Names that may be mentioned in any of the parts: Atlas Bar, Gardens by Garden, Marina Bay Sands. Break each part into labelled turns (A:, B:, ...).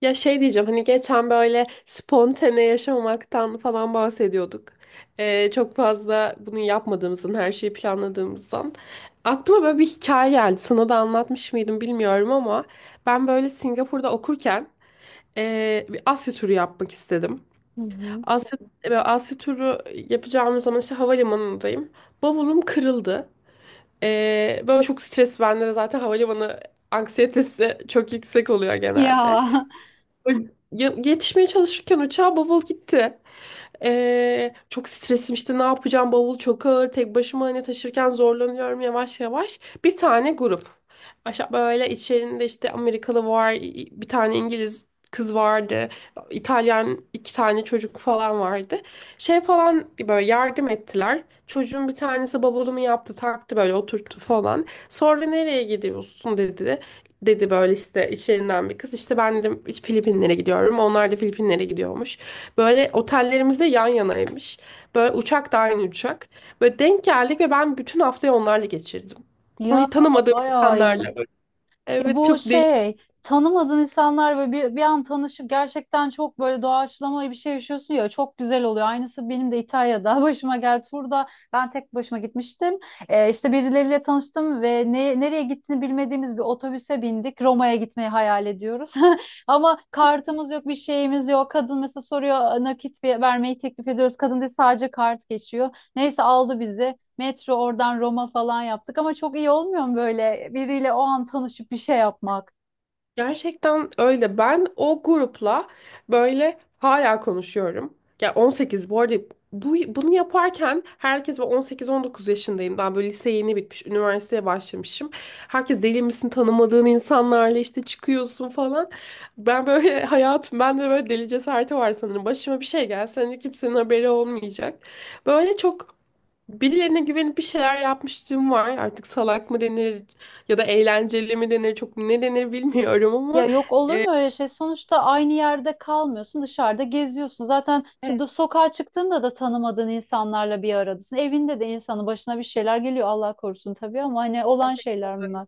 A: Ya şey diyeceğim hani geçen böyle spontane yaşamaktan falan bahsediyorduk. Çok fazla bunu yapmadığımızdan, her şeyi planladığımızdan. Aklıma böyle bir hikaye geldi. Sana da anlatmış mıydım bilmiyorum ama ben böyle Singapur'da okurken bir Asya turu yapmak istedim.
B: Hı hı.
A: Asya, böyle Asya turu yapacağımız zaman işte havalimanındayım. Bavulum kırıldı. Böyle çok stres, bende de zaten havalimanı anksiyetesi çok yüksek oluyor genelde.
B: Ya
A: Yetişmeye çalışırken uçağa bavul gitti. Çok stresim, işte ne yapacağım, bavul çok ağır, tek başıma hani taşırken zorlanıyorum yavaş yavaş. Bir tane grup. Aşağı böyle, içerisinde işte Amerikalı var, bir tane İngiliz kız vardı, İtalyan iki tane çocuk falan vardı. Şey falan, böyle yardım ettiler. Çocuğun bir tanesi bavulumu yaptı, taktı, böyle oturttu falan. Sonra nereye gidiyorsun dedi böyle işte içlerinden bir kız. İşte ben de Filipinlere gidiyorum. Onlar da Filipinlere gidiyormuş. Böyle otellerimiz de yan yanaymış. Böyle uçak da aynı uçak. Böyle denk geldik ve ben bütün haftayı onlarla geçirdim.
B: ya
A: Hiç tanımadığım
B: bayağı
A: insanlarla.
B: iyi. Ya
A: Evet,
B: bu
A: çok.
B: şey tanımadığın insanlar ve bir an tanışıp gerçekten çok böyle doğaçlama bir şey yaşıyorsun ya çok güzel oluyor. Aynısı benim de İtalya'da başıma geldi. Turda ben tek başıma gitmiştim. İşte birileriyle tanıştım ve nereye gittiğini bilmediğimiz bir otobüse bindik. Roma'ya gitmeyi hayal ediyoruz. Ama kartımız yok, bir şeyimiz yok. Kadın mesela soruyor nakit vermeyi teklif ediyoruz. Kadın diyor sadece kart geçiyor. Neyse aldı bizi. Metro oradan Roma falan yaptık ama çok iyi olmuyor mu böyle biriyle o an tanışıp bir şey yapmak?
A: Gerçekten öyle. Ben o grupla böyle hala konuşuyorum. Ya, 18 bu arada, bunu yaparken, herkes, ben 18-19 yaşındayım. Daha böyle lise yeni bitmiş, üniversiteye başlamışım. Herkes deli misin tanımadığın insanlarla işte çıkıyorsun falan. Ben böyle hayatım, bende böyle deli cesareti var sanırım. Başıma bir şey gelse hani kimsenin haberi olmayacak. Böyle çok. Birilerine güvenip bir şeyler yapmışlığım var. Artık salak mı denir, ya da eğlenceli mi denir, çok ne denir bilmiyorum
B: Ya
A: ama
B: yok olur
A: e,
B: mu öyle şey? Sonuçta aynı yerde kalmıyorsun, dışarıda geziyorsun. Zaten
A: evet.
B: şimdi sokağa çıktığında da tanımadığın insanlarla bir aradasın. Evinde de insanın başına bir şeyler geliyor Allah korusun tabii ama hani olan şeyler bunlar.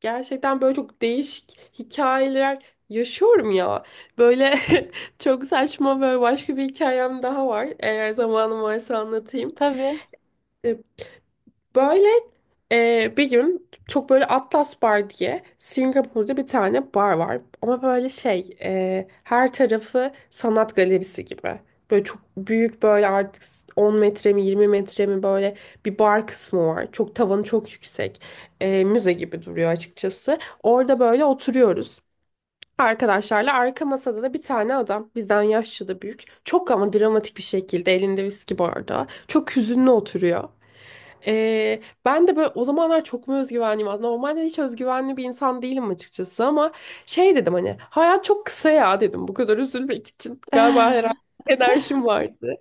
A: Gerçekten böyle çok değişik hikayeler yaşıyorum ya. Böyle çok saçma, böyle başka bir hikayem daha var. Eğer zamanım varsa anlatayım.
B: Tabii.
A: Böyle bir gün, çok böyle Atlas Bar diye Singapur'da bir tane bar var. Ama böyle şey, her tarafı sanat galerisi gibi. Böyle çok büyük, böyle artık 10 metre mi 20 metre mi böyle bir bar kısmı var. Çok tavanı çok yüksek. Müze gibi duruyor açıkçası. Orada böyle oturuyoruz. Arkadaşlarla, arka masada da bir tane adam bizden yaşça da büyük. Çok ama dramatik bir şekilde elinde viski bardağı. Çok hüzünlü oturuyor. Ben de böyle o zamanlar çok mu özgüvenliyim aslında. Normalde hiç özgüvenli bir insan değilim açıkçası ama şey dedim, hani hayat çok kısa ya dedim. Bu kadar üzülmek için galiba, herhalde enerjim vardı.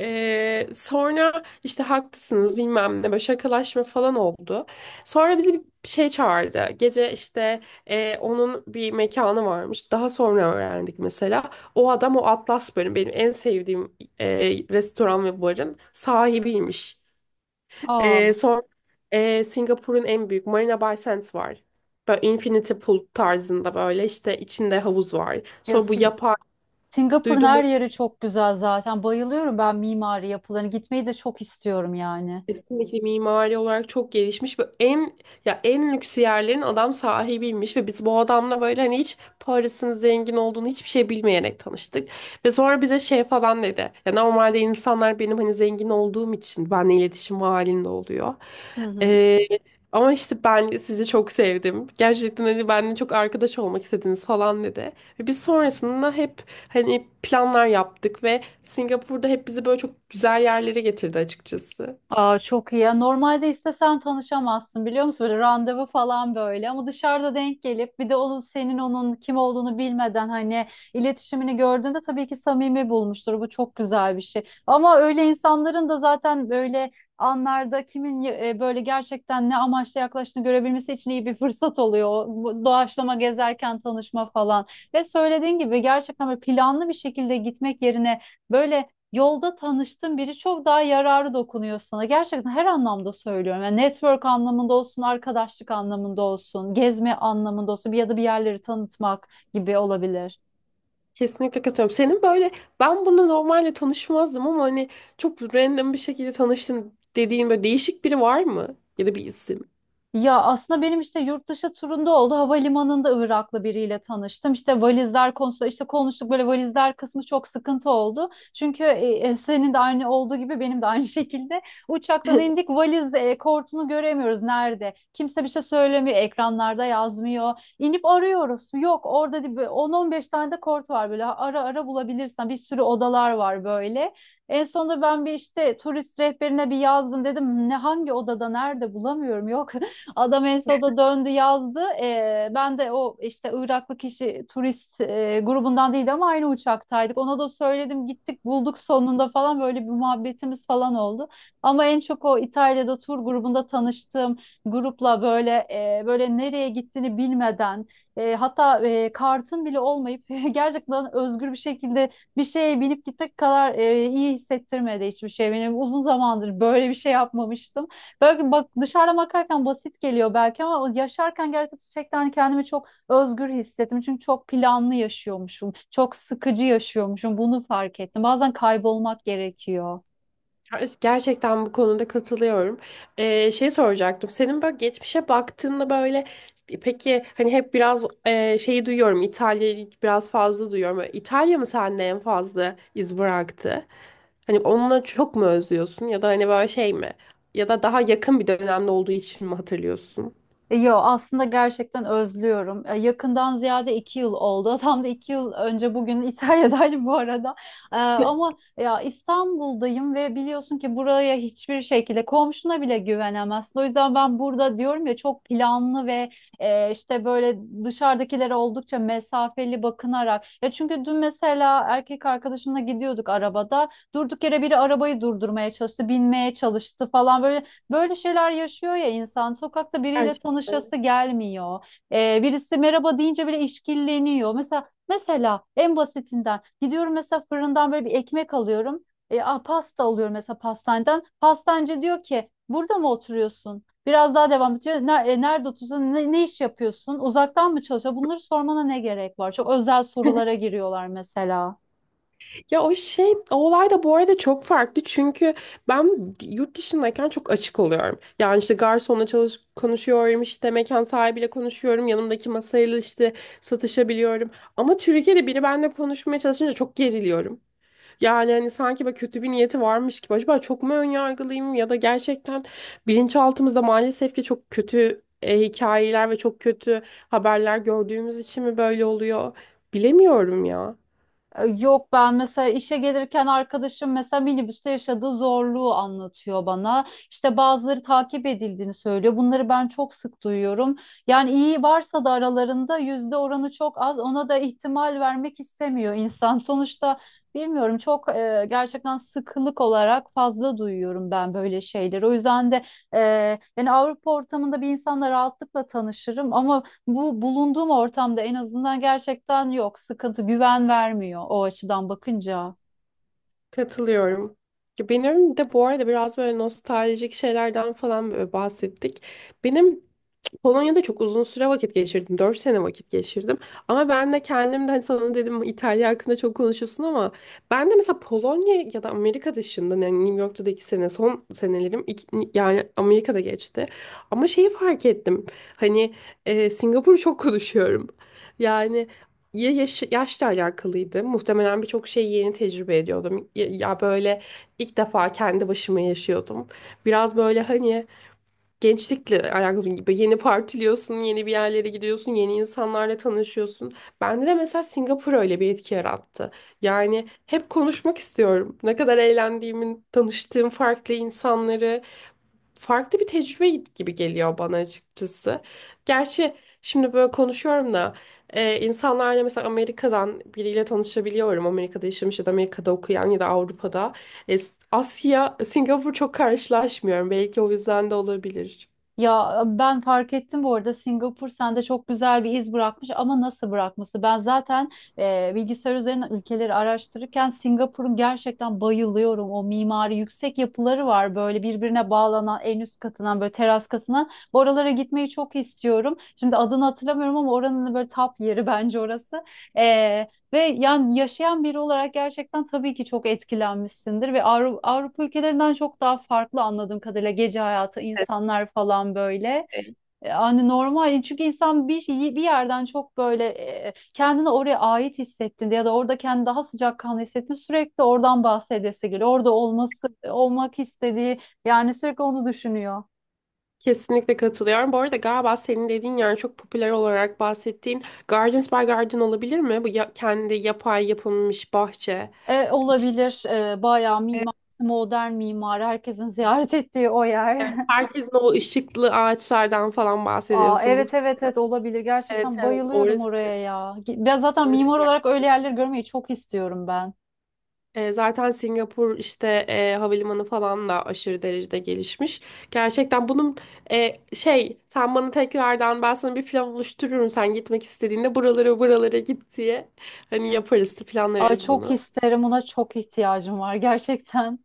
A: Sonra işte haklısınız, bilmem ne, böyle şakalaşma falan oldu. Sonra bizi bir şey çağırdı. Gece, işte onun bir mekanı varmış. Daha sonra öğrendik mesela. O adam o Atlas bölüm benim en sevdiğim restoran ve barın sahibiymiş.
B: Aa,
A: Son Singapur'un en büyük Marina Bay Sands var. Böyle infinity pool tarzında, böyle işte içinde havuz var.
B: ya
A: Sonra bu yapay
B: Singapur'un her
A: duydun.
B: yeri çok güzel zaten. Bayılıyorum ben mimari yapılarını. Gitmeyi de çok istiyorum yani.
A: Kesinlikle mimari olarak çok gelişmiş ve en, ya en lüks yerlerin adam sahibiymiş ve biz bu adamla böyle, hani hiç Paris'in zengin olduğunu, hiçbir şey bilmeyerek tanıştık. Ve sonra bize şey falan dedi. Ya normalde insanlar benim hani zengin olduğum için benimle iletişim halinde oluyor.
B: Hı hı.
A: Ee, Ama işte ben sizi çok sevdim. Gerçekten hani benimle çok arkadaş olmak istediniz falan dedi. Ve biz sonrasında hep hani planlar yaptık ve Singapur'da hep bizi böyle çok güzel yerlere getirdi açıkçası.
B: Aa, çok iyi ya. Normalde istesen tanışamazsın biliyor musun? Böyle randevu falan böyle ama dışarıda denk gelip bir de onun senin onun kim olduğunu bilmeden hani iletişimini gördüğünde tabii ki samimi bulmuştur. Bu çok güzel bir şey. Ama öyle insanların da zaten böyle anlarda kimin böyle gerçekten ne amaçla yaklaştığını görebilmesi için iyi bir fırsat oluyor. Bu doğaçlama gezerken tanışma falan. Ve söylediğin gibi gerçekten böyle planlı bir şekilde gitmek yerine böyle yolda tanıştığın biri çok daha yararı dokunuyor sana. Gerçekten her anlamda söylüyorum. Yani network anlamında olsun, arkadaşlık anlamında olsun, gezme anlamında olsun bir ya da bir yerleri tanıtmak gibi olabilir.
A: Kesinlikle katılıyorum. Senin böyle, ben bunu normalde tanışmazdım ama hani çok random bir şekilde tanıştın dediğin böyle değişik biri var mı? Ya da bir isim.
B: Ya aslında benim işte yurt dışı turunda oldu. Havalimanında Iraklı biriyle tanıştım. İşte valizler konusu işte konuştuk böyle valizler kısmı çok sıkıntı oldu. Çünkü senin de aynı olduğu gibi benim de aynı şekilde uçaktan indik valiz kortunu göremiyoruz nerede. Kimse bir şey söylemiyor. Ekranlarda yazmıyor. İnip arıyoruz. Yok orada değil, böyle 10-15 tane de kort var böyle ara ara bulabilirsen bir sürü odalar var böyle. En sonunda ben bir işte turist rehberine bir yazdım dedim ne hangi odada nerede bulamıyorum. Yok, adam en sonunda döndü yazdı. Ben de o işte Iraklı kişi turist grubundan değil ama aynı uçaktaydık. Ona da söyledim gittik bulduk sonunda falan böyle bir muhabbetimiz falan oldu. Ama en çok o İtalya'da tur grubunda tanıştığım grupla böyle nereye gittiğini bilmeden hatta kartın bile olmayıp gerçekten özgür bir şekilde bir şeye binip gitmek kadar iyi hissettirmedi hiçbir şey. Benim uzun zamandır böyle bir şey yapmamıştım. Belki bak dışarıdan bakarken basit geliyor belki ama yaşarken gerçekten kendimi çok özgür hissettim. Çünkü çok planlı yaşıyormuşum. Çok sıkıcı yaşıyormuşum. Bunu fark ettim. Bazen kaybolmak gerekiyor.
A: Gerçekten bu konuda katılıyorum. Şey soracaktım. Senin böyle geçmişe baktığında böyle, peki hani hep biraz şeyi duyuyorum. İtalya'yı biraz fazla duyuyorum. Böyle İtalya mı sende en fazla iz bıraktı? Hani onunla çok mu özlüyorsun, ya da hani böyle şey mi? Ya da daha yakın bir dönemde olduğu için mi hatırlıyorsun?
B: Yo, aslında gerçekten özlüyorum. Yakından ziyade 2 yıl oldu. Tam da 2 yıl önce bugün İtalya'daydım bu arada. Ama ya İstanbul'dayım ve biliyorsun ki buraya hiçbir şekilde komşuna bile güvenemezsin. O yüzden ben burada diyorum ya çok planlı ve işte böyle dışarıdakilere oldukça mesafeli bakınarak. Ya çünkü dün mesela erkek arkadaşımla gidiyorduk arabada. Durduk yere biri arabayı durdurmaya çalıştı, binmeye çalıştı falan böyle. Böyle şeyler yaşıyor ya insan. Sokakta biriyle
A: Gerçekten.
B: tanışası gelmiyor. Birisi merhaba deyince bile işkilleniyor. Mesela en basitinden gidiyorum mesela fırından böyle bir ekmek alıyorum. Pasta alıyorum mesela pastaneden. Pastancı diyor ki burada mı oturuyorsun? Biraz daha devam ediyor. Nerede oturuyorsun? Ne iş yapıyorsun? Uzaktan mı çalışıyor? Bunları sormana ne gerek var? Çok özel sorulara giriyorlar mesela.
A: Ya o şey, o olay da bu arada çok farklı çünkü ben yurt dışındayken çok açık oluyorum. Yani işte garsonla çalış konuşuyorum, işte mekan sahibiyle konuşuyorum, yanımdaki masayla işte satışabiliyorum. Ama Türkiye'de biri benimle konuşmaya çalışınca çok geriliyorum. Yani hani sanki böyle kötü bir niyeti varmış gibi. Acaba çok mu önyargılıyım, ya da gerçekten bilinçaltımızda maalesef ki çok kötü hikayeler ve çok kötü haberler gördüğümüz için mi böyle oluyor? Bilemiyorum ya.
B: Yok, ben mesela işe gelirken arkadaşım mesela minibüste yaşadığı zorluğu anlatıyor bana. İşte bazıları takip edildiğini söylüyor. Bunları ben çok sık duyuyorum. Yani iyi varsa da aralarında yüzde oranı çok az. Ona da ihtimal vermek istemiyor insan. Sonuçta bilmiyorum çok, gerçekten sıkılık olarak fazla duyuyorum ben böyle şeyleri. O yüzden de e, yani Avrupa ortamında bir insanla rahatlıkla tanışırım ama bu bulunduğum ortamda en azından gerçekten yok. Sıkıntı, güven vermiyor o açıdan bakınca.
A: Katılıyorum. Ya, benim de bu arada biraz böyle nostaljik şeylerden falan böyle bahsettik. Benim Polonya'da çok uzun süre vakit geçirdim. 4 sene vakit geçirdim. Ama ben de kendim de hani sana dedim İtalya hakkında çok konuşuyorsun ama ben de mesela Polonya ya da Amerika dışında, yani New York'ta da 2 sene, son senelerim yani Amerika'da geçti. Ama şeyi fark ettim. Hani Singapur'u çok konuşuyorum. Yani ya yaşla alakalıydı. Muhtemelen birçok şeyi yeni tecrübe ediyordum. Ya böyle ilk defa kendi başıma yaşıyordum. Biraz böyle hani gençlikle alakalı gibi, yeni partiliyorsun, yeni bir yerlere gidiyorsun, yeni insanlarla tanışıyorsun. Bende de mesela Singapur öyle bir etki yarattı. Yani hep konuşmak istiyorum. Ne kadar eğlendiğimi, tanıştığım farklı insanları, farklı bir tecrübe gibi geliyor bana açıkçası. Gerçi şimdi böyle konuşuyorum da, insanlarla mesela Amerika'dan biriyle tanışabiliyorum. Amerika'da yaşamış ya da Amerika'da okuyan ya da Avrupa'da. E, Asya, Singapur, çok karşılaşmıyorum. Belki o yüzden de olabilir.
B: Ya ben fark ettim bu arada Singapur sende çok güzel bir iz bırakmış ama nasıl bırakması? Ben zaten bilgisayar üzerinden ülkeleri araştırırken Singapur'un gerçekten bayılıyorum. O mimari yüksek yapıları var böyle birbirine bağlanan en üst katından böyle teras katından. Oralara gitmeyi çok istiyorum. Şimdi adını hatırlamıyorum ama oranın böyle tap yeri bence orası. E, Ve yani yaşayan biri olarak gerçekten tabii ki çok etkilenmişsindir ve Avrupa ülkelerinden çok daha farklı anladığım kadarıyla gece hayatı, insanlar falan böyle. Hani normal çünkü insan bir yerden çok böyle kendini oraya ait hissettiğinde ya da orada kendini daha sıcakkanlı hissettiğinde sürekli oradan bahsedesi geliyor. Orada olması olmak istediği yani sürekli onu düşünüyor.
A: Kesinlikle katılıyorum. Bu arada galiba senin dediğin, yani çok popüler olarak bahsettiğin Gardens by Garden olabilir mi? Bu kendi yapay yapılmış bahçe. İşte,
B: Olabilir. Bayağı
A: evet,
B: mimar, modern mimarı herkesin ziyaret ettiği o yer.
A: herkesin o ışıklı ağaçlardan falan
B: Aa,
A: bahsediyorsun
B: evet
A: muhtemelen.
B: evet evet olabilir.
A: Evet
B: Gerçekten
A: evet,
B: bayılıyorum
A: orası.
B: oraya ya. Ben zaten
A: Orası
B: mimar olarak
A: gerçekten.
B: öyle yerleri görmeyi çok istiyorum ben.
A: Zaten Singapur işte havalimanı falan da aşırı derecede gelişmiş. Gerçekten bunun şey, sen bana tekrardan, ben sana bir plan oluştururum, sen gitmek istediğinde buralara buralara git diye. Hani yaparız,
B: Ay
A: planlarız
B: çok
A: bunu.
B: isterim. Ona çok ihtiyacım var gerçekten.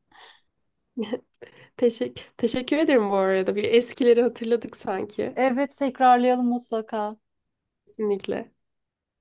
A: Teşekkür ederim bu arada. Bir eskileri hatırladık sanki.
B: Evet, tekrarlayalım mutlaka.
A: Kesinlikle.